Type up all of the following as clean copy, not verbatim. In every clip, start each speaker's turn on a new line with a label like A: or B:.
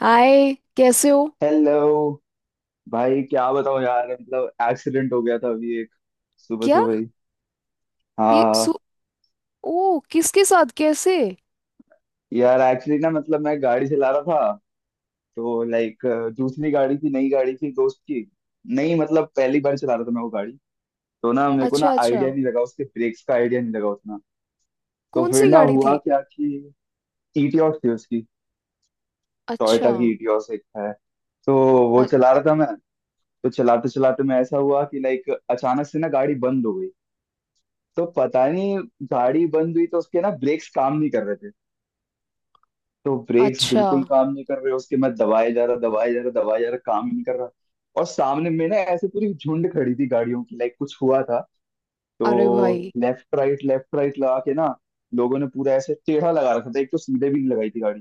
A: हाय, कैसे हो?
B: हेलो। भाई क्या बताऊं यार, मतलब एक्सीडेंट हो गया था अभी एक। सुबह
A: क्या?
B: सुबह ही।
A: ये
B: हाँ।
A: सु ओ, किसके साथ कैसे?
B: यार एक्चुअली ना, मतलब मैं गाड़ी चला रहा था तो लाइक, दूसरी गाड़ी थी, नई गाड़ी थी दोस्त की। नहीं मतलब पहली बार चला रहा था मैं वो गाड़ी। तो ना मेरे को ना
A: अच्छा, अच्छा।
B: आइडिया नहीं लगा उसके, ब्रेक्स का आइडिया नहीं लगा उतना। तो
A: कौन
B: फिर
A: सी
B: ना
A: गाड़ी
B: हुआ
A: थी?
B: क्या कि ईटियोस थी उसकी। टोयोटा
A: अच्छा।
B: की ईटियोस एक है। तो वो
A: अ-
B: चला रहा था मैं। तो चलाते चलाते मैं ऐसा हुआ कि लाइक, अचानक से ना गाड़ी बंद हो गई। तो पता नहीं, गाड़ी बंद हुई तो उसके ना ब्रेक्स काम नहीं कर रहे थे। तो ब्रेक्स
A: अच्छा।
B: बिल्कुल काम नहीं कर रहे उसके, मैं दबाए जा रहा दबाए जा रहा दबाए जा रहा, काम ही नहीं कर रहा। और सामने में ना ऐसे पूरी झुंड खड़ी थी गाड़ियों की, लाइक कुछ हुआ था।
A: अरे
B: तो
A: भाई।
B: लेफ्ट राइट लगा के ना, लोगों ने पूरा ऐसे टेढ़ा लगा रखा था, एक तो सीधे भी नहीं लगाई थी गाड़ी।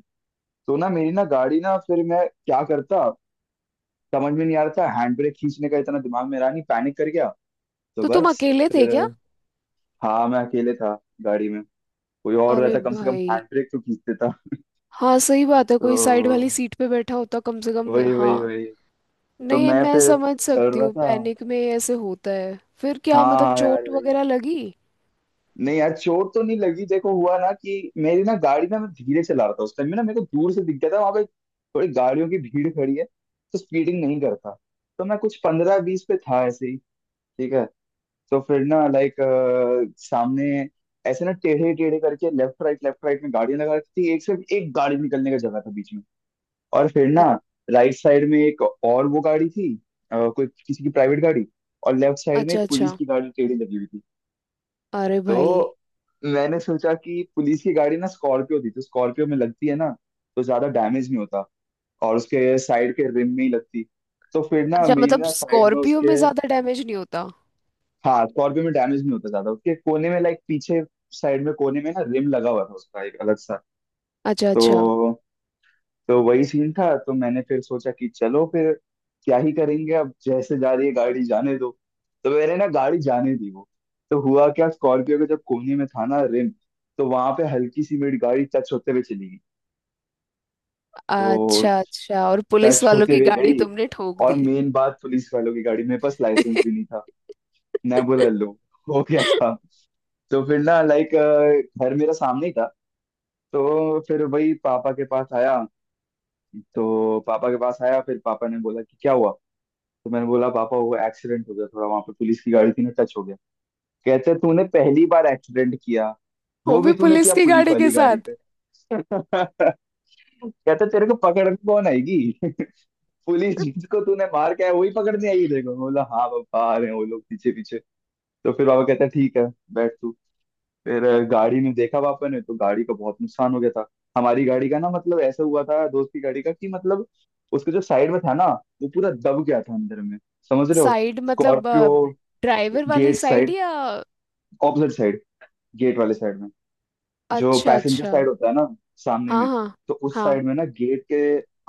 B: तो ना मेरी ना गाड़ी ना, फिर मैं क्या करता, समझ में नहीं आ रहा था। हैंड ब्रेक खींचने का इतना दिमाग में रहा नहीं, पैनिक कर गया। तो
A: तो तुम
B: बस।
A: अकेले
B: फिर।
A: थे क्या?
B: हाँ मैं अकेले था। गाड़ी में। कोई और
A: अरे
B: रहता कम से कम
A: भाई।
B: हैंड ब्रेक तो खींच देता।
A: हाँ, सही बात है, कोई साइड वाली
B: तो
A: सीट पे बैठा होता कम से कम।
B: वही वही
A: हाँ।
B: वही। तो
A: नहीं,
B: मैं
A: मैं
B: फिर,
A: समझ
B: चल
A: सकती
B: रहा
A: हूँ,
B: था।
A: पैनिक में ऐसे होता है। फिर क्या,
B: हाँ
A: मतलब
B: हाँ यार
A: चोट
B: वही।
A: वगैरह लगी?
B: नहीं यार चोट तो नहीं लगी, देखो हुआ ना कि मेरी ना गाड़ी ना, मैं धीरे चला रहा था उस टाइम में, ना मेरे को दूर से दिख गया था वहां पे थोड़ी गाड़ियों की भीड़ खड़ी है, तो स्पीडिंग नहीं करता। तो मैं कुछ 15-20 पे था ऐसे ही। ठीक है। तो फिर ना लाइक सामने ऐसे ना टेढ़े टेढ़े करके लेफ्ट राइट में गाड़ियां लगा रखी थी, एक, सिर्फ एक गाड़ी निकलने का जगह था बीच में। और फिर
A: अ-
B: ना, राइट साइड में एक और वो गाड़ी थी, कोई किसी की प्राइवेट गाड़ी। और लेफ्ट साइड में
A: अच्छा,
B: एक पुलिस
A: अच्छा।
B: की गाड़ी टेढ़ी लगी हुई थी।
A: अरे भाई।
B: तो मैंने सोचा कि पुलिस की गाड़ी ना स्कॉर्पियो थी, तो स्कॉर्पियो में लगती है ना, तो ज्यादा डैमेज नहीं होता, और उसके साइड के रिम में ही लगती। तो फिर ना
A: अच्छा,
B: मेरी
A: मतलब
B: ना साइड में
A: स्कॉर्पियो
B: उसके।
A: में ज्यादा डैमेज नहीं होता?
B: हाँ स्कॉर्पियो में डैमेज नहीं होता ज्यादा उसके कोने में, लाइक पीछे साइड में कोने में ना रिम लगा हुआ था उसका, एक अलग सा।
A: अच्छा, अच्छा।
B: तो तो वही सीन था। तो मैंने फिर सोचा कि चलो फिर, क्या ही करेंगे, अब जैसे जा रही है गाड़ी जाने दो। तो मैंने ना गाड़ी जाने दी वो। तो हुआ क्या, स्कॉर्पियो के जब कोने में था ना रिम, तो वहां पे हल्की सी मेरी गाड़ी टच होते हुए चली गई। तो
A: अच्छा, अच्छा, और पुलिस
B: टच
A: वालों
B: होते
A: की
B: हुए
A: गाड़ी
B: गई।
A: तुमने ठोक
B: और
A: दी?
B: मेन बात, पुलिस वालों की गाड़ी, मेरे पास लाइसेंस भी नहीं था। मैं बोला लो, हो गया था। तो फिर ना लाइक घर मेरा सामने ही था, तो फिर वही पापा के पास आया। तो पापा के पास आया, फिर पापा ने बोला कि क्या हुआ। तो मैंने बोला पापा वो एक्सीडेंट हो गया थोड़ा, वहां पे पुलिस की गाड़ी थी ना, टच हो गया। कहते तूने पहली बार एक्सीडेंट किया,
A: वो
B: वो
A: भी
B: भी तूने
A: पुलिस
B: किया
A: की
B: पुलिस
A: गाड़ी के
B: वाली
A: साथ।
B: गाड़ी पे। कहते तेरे को पकड़ने कौन आएगी। पुलिस जिसको तूने मार के आया वही पकड़ने आएगी। देखो बोला हाँ पापा आ रहे हैं वो लोग पीछे पीछे। तो फिर पापा कहते हैं ठीक है, बैठ तू। फिर गाड़ी में देखा पापा ने तो गाड़ी का बहुत नुकसान हो गया था। हमारी गाड़ी का ना, मतलब ऐसा हुआ था दोस्त की गाड़ी का कि, मतलब उसके जो साइड में था ना, वो पूरा दब गया था अंदर में। समझ रहे हो।
A: साइड मतलब?
B: स्कॉर्पियो।
A: ड्राइवर वाली
B: गेट
A: साइड
B: साइड।
A: या?
B: Opposite side. गेट वाले साइड में। जो
A: अच्छा,
B: पैसेंजर
A: अच्छा।
B: साइड होता है ना, सामने
A: हाँ,
B: में।
A: हाँ,
B: तो उस
A: हाँ।
B: साइड में ना गेट के,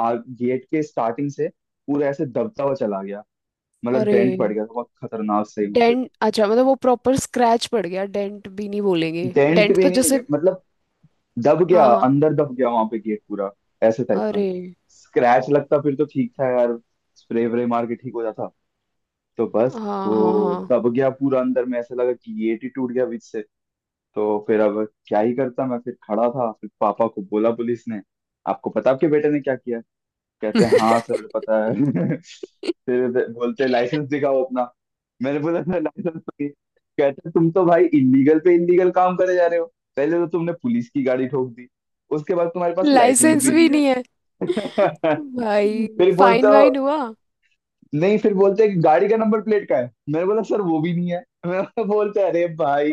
B: गेट के स्टार्टिंग से पूरा ऐसे दबता हुआ चला गया। मतलब
A: अरे,
B: डेंट पड़ गया था बहुत खतरनाक सही वहां पे।
A: डेंट? अच्छा मतलब वो प्रॉपर स्क्रैच पड़ गया, डेंट भी नहीं बोलेंगे,
B: डेंट
A: डेंट
B: भी
A: तो
B: नहीं,
A: जैसे।
B: मतलब दब गया
A: हाँ, हाँ।
B: अंदर, दब गया वहां पे गेट पूरा, ऐसे टाइप का।
A: अरे।
B: स्क्रैच लगता फिर तो ठीक था यार, स्प्रे व्रे मार के ठीक हो जाता। तो बस।
A: हाँ, हाँ,
B: वो
A: हाँ।
B: दब गया पूरा अंदर में, ऐसा लगा कि गेट ही टूट गया बीच से। तो फिर अब क्या ही करता मैं, फिर खड़ा था। फिर पापा को बोला पुलिस ने, आपको पता आपके बेटे ने क्या किया। कहते हैं हाँ सर पता है। फिर बोलते लाइसेंस दिखाओ अपना। मैंने बोला सर लाइसेंस तो नहीं। कहते तुम तो भाई इलीगल पे इलीगल काम करे जा रहे हो, पहले तो तुमने पुलिस की गाड़ी ठोक दी, उसके बाद तुम्हारे पास लाइसेंस
A: लाइसेंस
B: भी
A: भी
B: नहीं है।
A: नहीं है? भाई,
B: फिर बोलते
A: फाइन
B: हो,
A: वाइन हुआ?
B: नहीं फिर बोलते हैं कि गाड़ी का नंबर प्लेट का है, मैंने बोला सर वो भी नहीं है। मैंने बोलते हैं, अरे भाई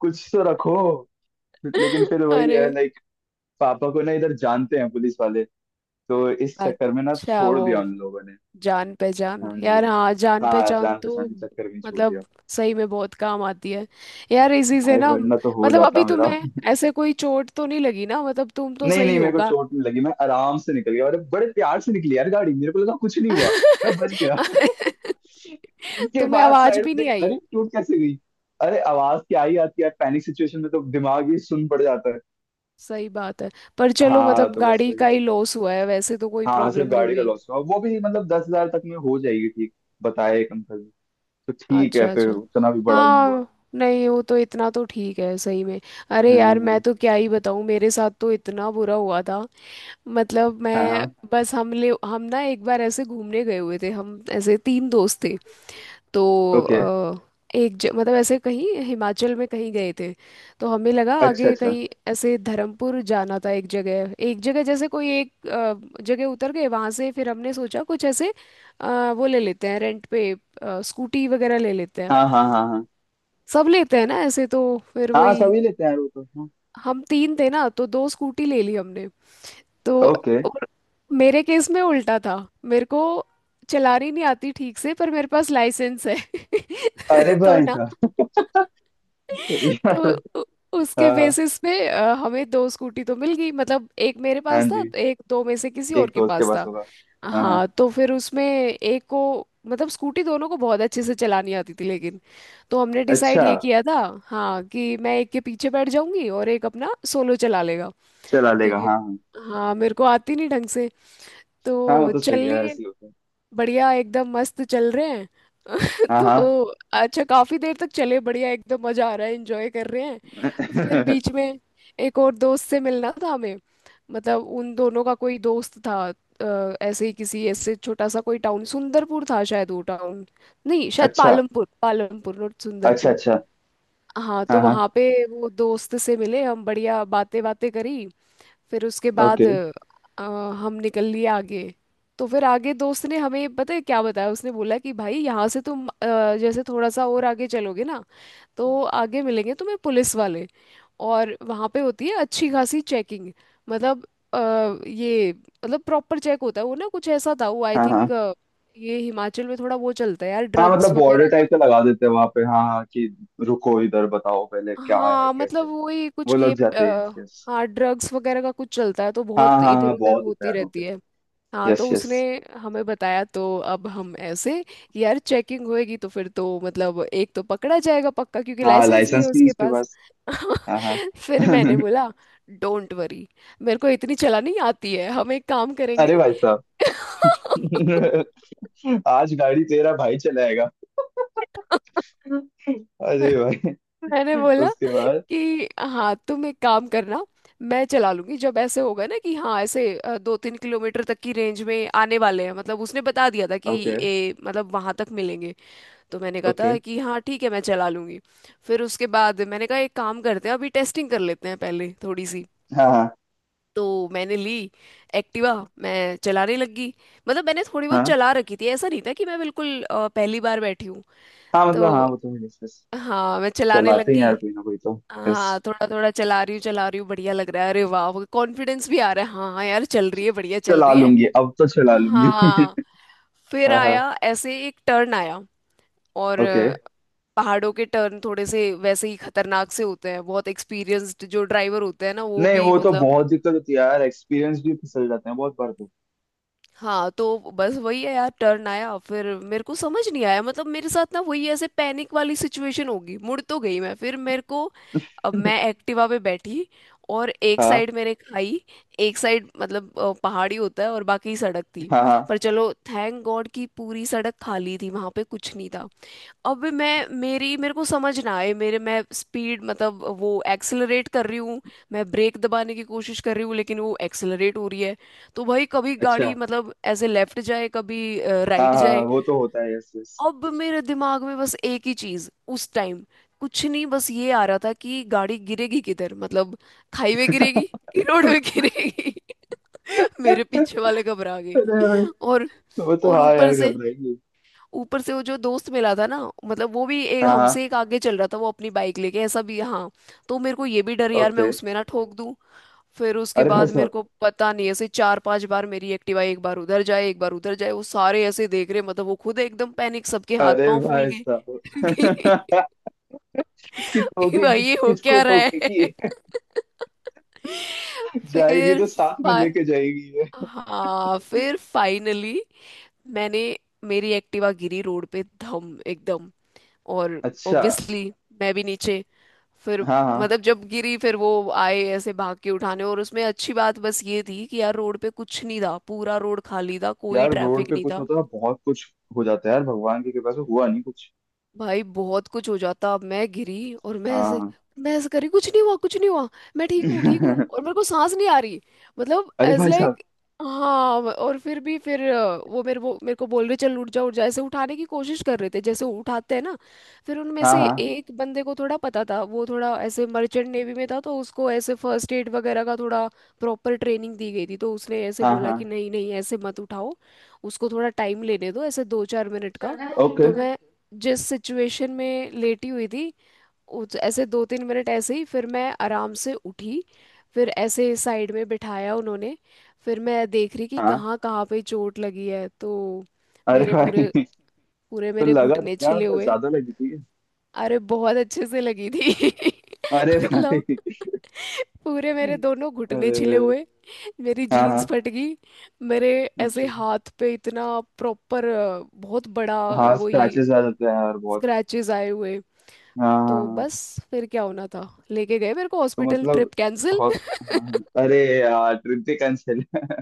B: कुछ तो रखो। लेकिन फिर वही
A: अरे।
B: है लाइक, पापा को ना इधर जानते हैं पुलिस वाले, तो इस चक्कर में ना
A: अच्छा,
B: छोड़
A: वो
B: दिया उन लोगों ने।
A: जान पहचान,
B: हाँ जी।
A: यार, हाँ, जान
B: हाँ
A: पहचान
B: जान
A: तो।
B: पहचान के चक्कर में ही छोड़ दिया।
A: मतलब, सही में बहुत काम आती है। यार, इसी से
B: भाई
A: ना,
B: वरना तो हो
A: मतलब अभी
B: जाता मेरा।
A: तुम्हें, ऐसे कोई चोट तो नहीं लगी ना, मतलब तुम तो
B: नहीं
A: सही
B: नहीं मेरे को
A: होगा।
B: चोट नहीं लगी, मैं आराम से निकल गया, और बड़े प्यार से निकली यार गाड़ी, मेरे को लगा कुछ नहीं हुआ। मैं बच गया। उसके
A: तुम्हें
B: बाद
A: आवाज
B: साइड
A: भी
B: में
A: नहीं
B: देखा
A: आई?
B: अरे टूट कैसे गई। अरे आवाज क्या आई, आती है पैनिक सिचुएशन में तो दिमाग ही सुन पड़ जाता है।
A: सही बात है। पर चलो,
B: हाँ
A: मतलब
B: तो बस
A: गाड़ी का
B: वही।
A: ही लॉस हुआ है, वैसे तो कोई
B: हाँ हाँ,
A: प्रॉब्लम
B: सिर्फ
A: नहीं
B: गाड़ी का
A: हुई।
B: लॉस हुआ, वो भी मतलब 10,000 तक में हो जाएगी, ठीक बताए एक अंकल ने। तो ठीक है
A: अच्छा,
B: फिर,
A: अच्छा।
B: उतना भी बड़ा नहीं हुआ।
A: हाँ। नहीं, वो तो इतना तो ठीक है, सही में। अरे यार, मैं
B: हाँ
A: तो क्या ही बताऊँ, मेरे साथ तो इतना बुरा हुआ था। मतलब
B: हाँ हाँ।
A: मैं, बस हम ना एक बार ऐसे घूमने गए हुए थे, हम ऐसे तीन दोस्त थे। तो
B: ओके।
A: अ, एक मतलब ऐसे कहीं हिमाचल में कहीं गए थे। तो हमें लगा
B: अच्छा
A: आगे
B: अच्छा।
A: कहीं ऐसे धर्मपुर जाना था, एक जगह, एक जगह जैसे कोई एक जगह उतर गए वहां से। फिर हमने सोचा कुछ ऐसे वो ले लेते हैं रेंट पे, स्कूटी वगैरह ले लेते हैं।
B: हाँ हाँ हाँ हाँ।
A: सब लेते हैं ना ऐसे तो। फिर
B: हाँ
A: वही।
B: सभी लेते हैं यार वो तो, हाँ।
A: हम तीन थे ना, तो दो स्कूटी ले ली हमने। तो।
B: ओके।
A: और मेरे केस में उल्टा था। मेरे को चलानी नहीं आती ठीक से, पर मेरे पास लाइसेंस है।
B: अरे
A: तो
B: भाई
A: ना,
B: साहब।
A: तो उ- उसके
B: हाँ हाँ।
A: बेसिस पे हमें दो स्कूटी तो मिल गई, मतलब एक मेरे
B: हाँ
A: पास था,
B: जी।
A: एक दो में से किसी
B: एक
A: और के
B: दोस्त के
A: पास
B: पास
A: था।
B: होगा। हाँ हाँ।
A: हाँ, तो फिर उसमें एक को, मतलब स्कूटी दोनों को बहुत अच्छे से चलानी आती थी, लेकिन। तो हमने डिसाइड
B: अच्छा।
A: ये किया था, हाँ, कि मैं एक के पीछे बैठ जाऊंगी और एक अपना सोलो चला लेगा।
B: चला लेगा,
A: क्योंकि
B: हाँ हाँ।
A: हाँ, मेरे को आती नहीं ढंग से।
B: हाँ वो
A: तो
B: तो
A: चल
B: सही
A: ली।
B: है, ऐसे ही होता है।
A: बढ़िया, एकदम मस्त चल रहे हैं।
B: हाँ हाँ।
A: तो। अच्छा, काफी देर तक चले, बढ़िया एकदम मजा आ रहा है, एंजॉय कर रहे हैं, फिर बीच में एक और दोस्त से मिलना था हमें। मतलब उन दोनों का कोई दोस्त था। ऐसे ही किसी ऐसे छोटा सा कोई टाउन, सुंदरपुर था शायद वो टाउन। नहीं शायद
B: अच्छा।
A: पालमपुर, पालमपुर, नॉट
B: अच्छा
A: सुंदरपुर।
B: अच्छा।
A: हाँ
B: हाँ
A: तो
B: हाँ।
A: वहाँ पे वो दोस्त से मिले हम, बढ़िया बातें बातें करी। फिर उसके बाद
B: ओके।
A: हम निकल लिए आगे। तो फिर आगे दोस्त ने हमें पता है क्या बताया, उसने बोला कि भाई, यहाँ से तुम जैसे थोड़ा सा और आगे चलोगे ना, तो आगे मिलेंगे तुम्हें पुलिस वाले, और वहाँ पे होती है अच्छी खासी चेकिंग। मतलब अ, ये मतलब प्रॉपर चेक होता है वो ना, कुछ ऐसा था वो आई
B: हाँ
A: थिंक।
B: हाँ
A: ये हिमाचल में थोड़ा वो चलता है यार,
B: हाँ
A: ड्रग्स
B: मतलब बॉर्डर
A: वगैरह।
B: टाइप का लगा देते हैं वहां पे, हाँ हाँ, कि रुको इधर बताओ पहले क्या है
A: हाँ,
B: कैसे
A: मतलब
B: है।
A: वही कुछ
B: वो लग
A: ये
B: जाते हैं, यस यस।
A: हाँ, ड्रग्स वगैरह का कुछ चलता है, तो
B: हाँ
A: बहुत
B: हाँ
A: इधर
B: हाँ
A: उधर
B: बहुत होता है
A: होती
B: यार वहाँ
A: रहती
B: पे।
A: है। हाँ
B: यस
A: तो
B: यस।
A: उसने हमें बताया, तो अब हम ऐसे, यार चेकिंग होएगी तो फिर तो मतलब, एक तो पकड़ा जाएगा पक्का क्योंकि
B: हाँ
A: लाइसेंस नहीं है
B: लाइसेंस भी
A: उसके
B: इसके
A: पास।
B: पास। हाँ हाँ।
A: फिर मैंने बोला डोंट वरी, मेरे को इतनी चलानी आती है, हम एक काम
B: अरे
A: करेंगे।
B: भाई साहब। आज गाड़ी तेरा भाई चलाएगा। अरे भाई।
A: मैंने बोला
B: उसके बाद।
A: कि हाँ, तुम एक काम करना, मैं चला लूंगी जब ऐसे होगा ना कि हाँ, ऐसे 2-3 किलोमीटर तक की रेंज में आने वाले हैं, मतलब उसने बता दिया था कि
B: ओके।
A: ये, मतलब वहां तक मिलेंगे। तो मैंने कहा
B: ओके।
A: था कि हाँ ठीक है, मैं चला लूंगी। फिर उसके बाद मैंने कहा एक काम करते हैं, अभी टेस्टिंग कर लेते हैं पहले थोड़ी सी।
B: हाँ हाँ।
A: तो मैंने ली एक्टिवा, मैं चलाने लगी। मतलब मैंने थोड़ी बहुत
B: हाँ
A: चला रखी थी, ऐसा नहीं था कि मैं बिल्कुल पहली बार बैठी हूँ।
B: हाँ मतलब हाँ
A: तो
B: वो तो है, yes, yes.
A: हाँ, मैं चलाने
B: चलाते हैं
A: लगी।
B: यार कोई ना कोई तो। यस।
A: हाँ, थोड़ा थोड़ा चला रही हूँ, चला रही हूँ, बढ़िया लग रहा है, अरे वाह कॉन्फिडेंस भी आ रहा है, हाँ हाँ यार चल रही है, बढ़िया चल
B: चला
A: रही है।
B: लूंगी अब तो चला लूंगी।
A: हाँ। फिर
B: हाँ हाँ।
A: आया ऐसे, एक टर्न आया, और
B: ओके।
A: पहाड़ों के टर्न थोड़े से वैसे ही खतरनाक से होते हैं, बहुत एक्सपीरियंस्ड जो ड्राइवर होते हैं ना, वो
B: नहीं
A: भी
B: वो तो
A: मतलब।
B: बहुत दिक्कत होती है यार, एक्सपीरियंस भी फिसल जाते हैं बहुत बार तो।
A: हाँ, तो बस वही है यार, टर्न आया, फिर मेरे को समझ नहीं आया, मतलब मेरे साथ ना वही ऐसे पैनिक वाली सिचुएशन होगी, मुड़ तो गई मैं, फिर मेरे को, अब मैं एक्टिवा पे बैठी, और एक
B: हाँ
A: साइड मेरे खाई, एक साइड मतलब पहाड़ी होता है, और बाकी सड़क थी।
B: हाँ हाँ।
A: पर चलो थैंक गॉड कि पूरी सड़क खाली थी, वहां पे कुछ नहीं था। अब मैं मेरी मेरे को समझ ना आए, मेरे मैं स्पीड मतलब वो एक्सेलरेट कर रही हूँ, मैं ब्रेक दबाने की कोशिश कर रही हूँ, लेकिन वो एक्सेलरेट हो रही है। तो भाई, कभी
B: अच्छा।
A: गाड़ी मतलब ऐसे लेफ्ट जाए, कभी
B: हाँ
A: राइट
B: हाँ हाँ,
A: जाए।
B: वो तो होता है, यस यस।
A: अब मेरे दिमाग में बस एक ही चीज, उस टाइम, कुछ नहीं, बस ये आ रहा था कि गाड़ी गिरेगी किधर, मतलब खाई में गिरेगी कि रोड में गिरेगी। मेरे पीछे
B: अरे
A: वाले घबरा गए।
B: भाई।
A: और
B: वो तो
A: और
B: हाँ
A: ऊपर
B: यार
A: से
B: घबराएगी।
A: ऊपर से वो जो दोस्त मिला था ना, मतलब वो भी, एक
B: हाँ हाँ।
A: हमसे एक आगे चल रहा था वो, अपनी बाइक लेके, ऐसा भी हाँ। तो मेरे को ये भी डर यार, मैं
B: ओके।
A: उसमें ना ठोक दूं। फिर उसके
B: अरे भाई
A: बाद मेरे
B: साहब।
A: को पता नहीं ऐसे 4-5 बार मेरी एक्टिवा, एक बार उधर जाए, एक बार उधर जाए, वो सारे ऐसे देख रहे, मतलब वो खुद एकदम पैनिक, सबके हाथ
B: अरे
A: पांव फूल
B: भाई
A: गए।
B: साहब। कि
A: कि भाई
B: ठोकेगी
A: ये हो
B: किसको
A: क्या रहा
B: ठोकेगी।
A: है।
B: जाएगी
A: फिर
B: तो साथ में
A: फा-
B: लेके जाएगी ये।
A: हाँ, फिर फाइनली मैंने, मेरी एक्टिवा गिरी रोड पे, धम एकदम। और
B: अच्छा।
A: ऑब्वियसली मैं भी नीचे। फिर,
B: हाँ हाँ।
A: मतलब जब गिरी फिर वो आए ऐसे भाग के उठाने, और उसमें अच्छी बात बस ये थी कि यार रोड पे कुछ नहीं था, पूरा रोड खाली था, कोई
B: यार रोड
A: ट्रैफिक
B: पे
A: नहीं
B: कुछ
A: था।
B: मतलब, बहुत कुछ हो जाता है यार, भगवान की कृपा से हुआ नहीं कुछ।
A: भाई बहुत कुछ हो जाता, मैं गिरी और मैं ऐसे,
B: हाँ।
A: मैं ऐसे करी, कुछ नहीं हुआ, कुछ नहीं हुआ, मैं ठीक हूँ, ठीक हूँ, और मेरे को सांस नहीं आ रही। मतलब
B: अरे
A: एज
B: भाई साहब।
A: लाइक। हाँ, और फिर भी फिर वो मेरे को बोल रहे चल उठ जा, उठ जा, ऐसे उठाने की कोशिश कर रहे थे जैसे उठाते हैं ना। फिर उनमें
B: हाँ
A: से
B: हाँ
A: एक बंदे को थोड़ा पता था, वो थोड़ा ऐसे मर्चेंट नेवी में था, तो उसको ऐसे फर्स्ट एड वगैरह का थोड़ा प्रॉपर ट्रेनिंग दी गई थी, तो उसने ऐसे
B: हाँ
A: बोला
B: हाँ।
A: कि नहीं, नहीं, ऐसे मत उठाओ, उसको थोड़ा टाइम लेने दो, ऐसे 2-4 मिनट का।
B: ओके।
A: तो मैं जिस सिचुएशन में लेटी हुई थी, ऐसे 2-3 मिनट ऐसे ही, फिर मैं आराम से उठी। फिर ऐसे साइड में बिठाया उन्होंने। फिर मैं देख रही कि
B: हाँ।
A: कहाँ कहाँ पे चोट लगी है, तो
B: अरे
A: मेरे पूरे
B: भाई।
A: पूरे
B: तो
A: मेरे
B: लगा था
A: घुटने
B: क्या,
A: छिले
B: मतलब
A: हुए।
B: ज्यादा लगी थी।
A: अरे बहुत अच्छे से लगी थी।
B: अरे भाई।
A: मतलब पूरे मेरे दोनों घुटने
B: अरे।
A: छिले हुए, मेरी
B: हाँ
A: जीन्स
B: हाँ।
A: फट गई, मेरे ऐसे
B: अच्छा।
A: हाथ पे इतना प्रॉपर, बहुत बड़ा
B: हाँ
A: वही,
B: स्क्रैचेस आ जाते हैं यार बहुत।
A: स्क्रैचेस आए हुए।
B: हाँ हाँ
A: तो
B: हाँ।
A: बस, फिर क्या होना था, लेके गए मेरे को
B: तो
A: हॉस्पिटल,
B: मतलब
A: ट्रिप कैंसिल।
B: हॉस हाँ हाँ। अरे यार ट्रिप ही कैंसिल।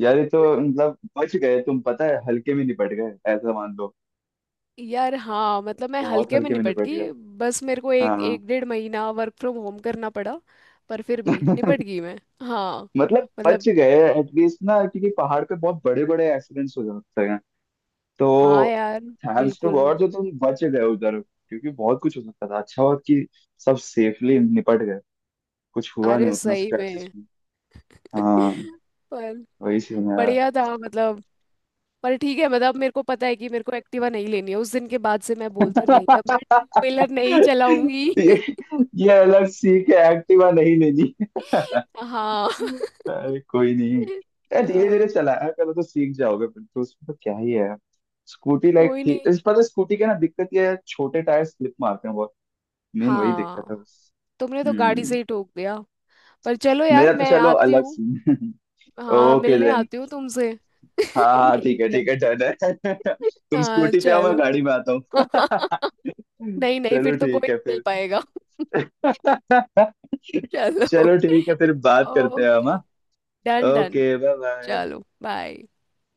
B: यार ये तो मतलब बच गए तुम पता है, हल्के में निपट गए ऐसा मान लो।
A: यार हाँ, मतलब मैं
B: बहुत
A: हल्के में
B: हल्के में
A: निपट
B: निपट गए।
A: गई। बस मेरे को एक
B: हाँ।
A: एक डेढ़ महीना वर्क फ्रॉम होम करना पड़ा, पर फिर भी निपट गई मैं। हाँ,
B: मतलब बच
A: मतलब
B: गए, एटलीस्ट ना, क्योंकि पहाड़ पे बहुत बड़े बड़े एक्सीडेंट्स हो जाते हैं तो।
A: हाँ यार,
B: थैंक्स टू
A: बिल्कुल।
B: गॉड जो तुम बच गए उधर, क्योंकि बहुत कुछ हो सकता था, अच्छा हुआ कि सब सेफली निपट गए। कुछ हुआ
A: अरे,
B: नहीं उतना,
A: सही में।
B: स्क्रैचेस में। हाँ।
A: पर
B: वही सीन है।
A: बढ़िया था मतलब, पर ठीक है मतलब, मेरे को पता है कि मेरे को एक्टिवा नहीं लेनी है। उस दिन के बाद से मैं बोलती हूँ नहीं, अब मैं टू व्हीलर नहीं चलाऊंगी।
B: ये, ये अलग सीख है, एक्टिवा नहीं लेनी।
A: हाँ।
B: अरे कोई नहीं। धीरे धीरे
A: हाँ,
B: चलाया करो तो सीख जाओगे, फिर तो उसमें तो क्या ही है। स्कूटी लाइक
A: कोई
B: ठीक,
A: नहीं।
B: इस पता स्कूटी के ना दिक्कत ये है, छोटे टायर स्लिप मारते हैं बहुत। मेन वही दिक्कत
A: हाँ,
B: है बस।
A: तुमने तो गाड़ी
B: हम्म।
A: से ही ठोक दिया। पर चलो यार,
B: मेरा तो
A: मैं
B: चलो
A: आती
B: अलग
A: हूँ,
B: सीन।
A: हाँ
B: ओके
A: मिलने
B: देन।
A: आती हूँ तुमसे।
B: हाँ हाँ
A: ठीक है।
B: ठीक है डन है। तुम
A: हाँ,
B: स्कूटी पे आओ मैं
A: चलो।
B: गाड़ी में आता हूँ।
A: नहीं, नहीं,
B: चलो
A: फिर तो कोई
B: ठीक है
A: नहीं मिल
B: फिर।
A: पाएगा। चलो।
B: चलो ठीक है फिर बात करते हैं हम।
A: Okay. Done, done.
B: Okay bye bye.
A: चलो, बाय।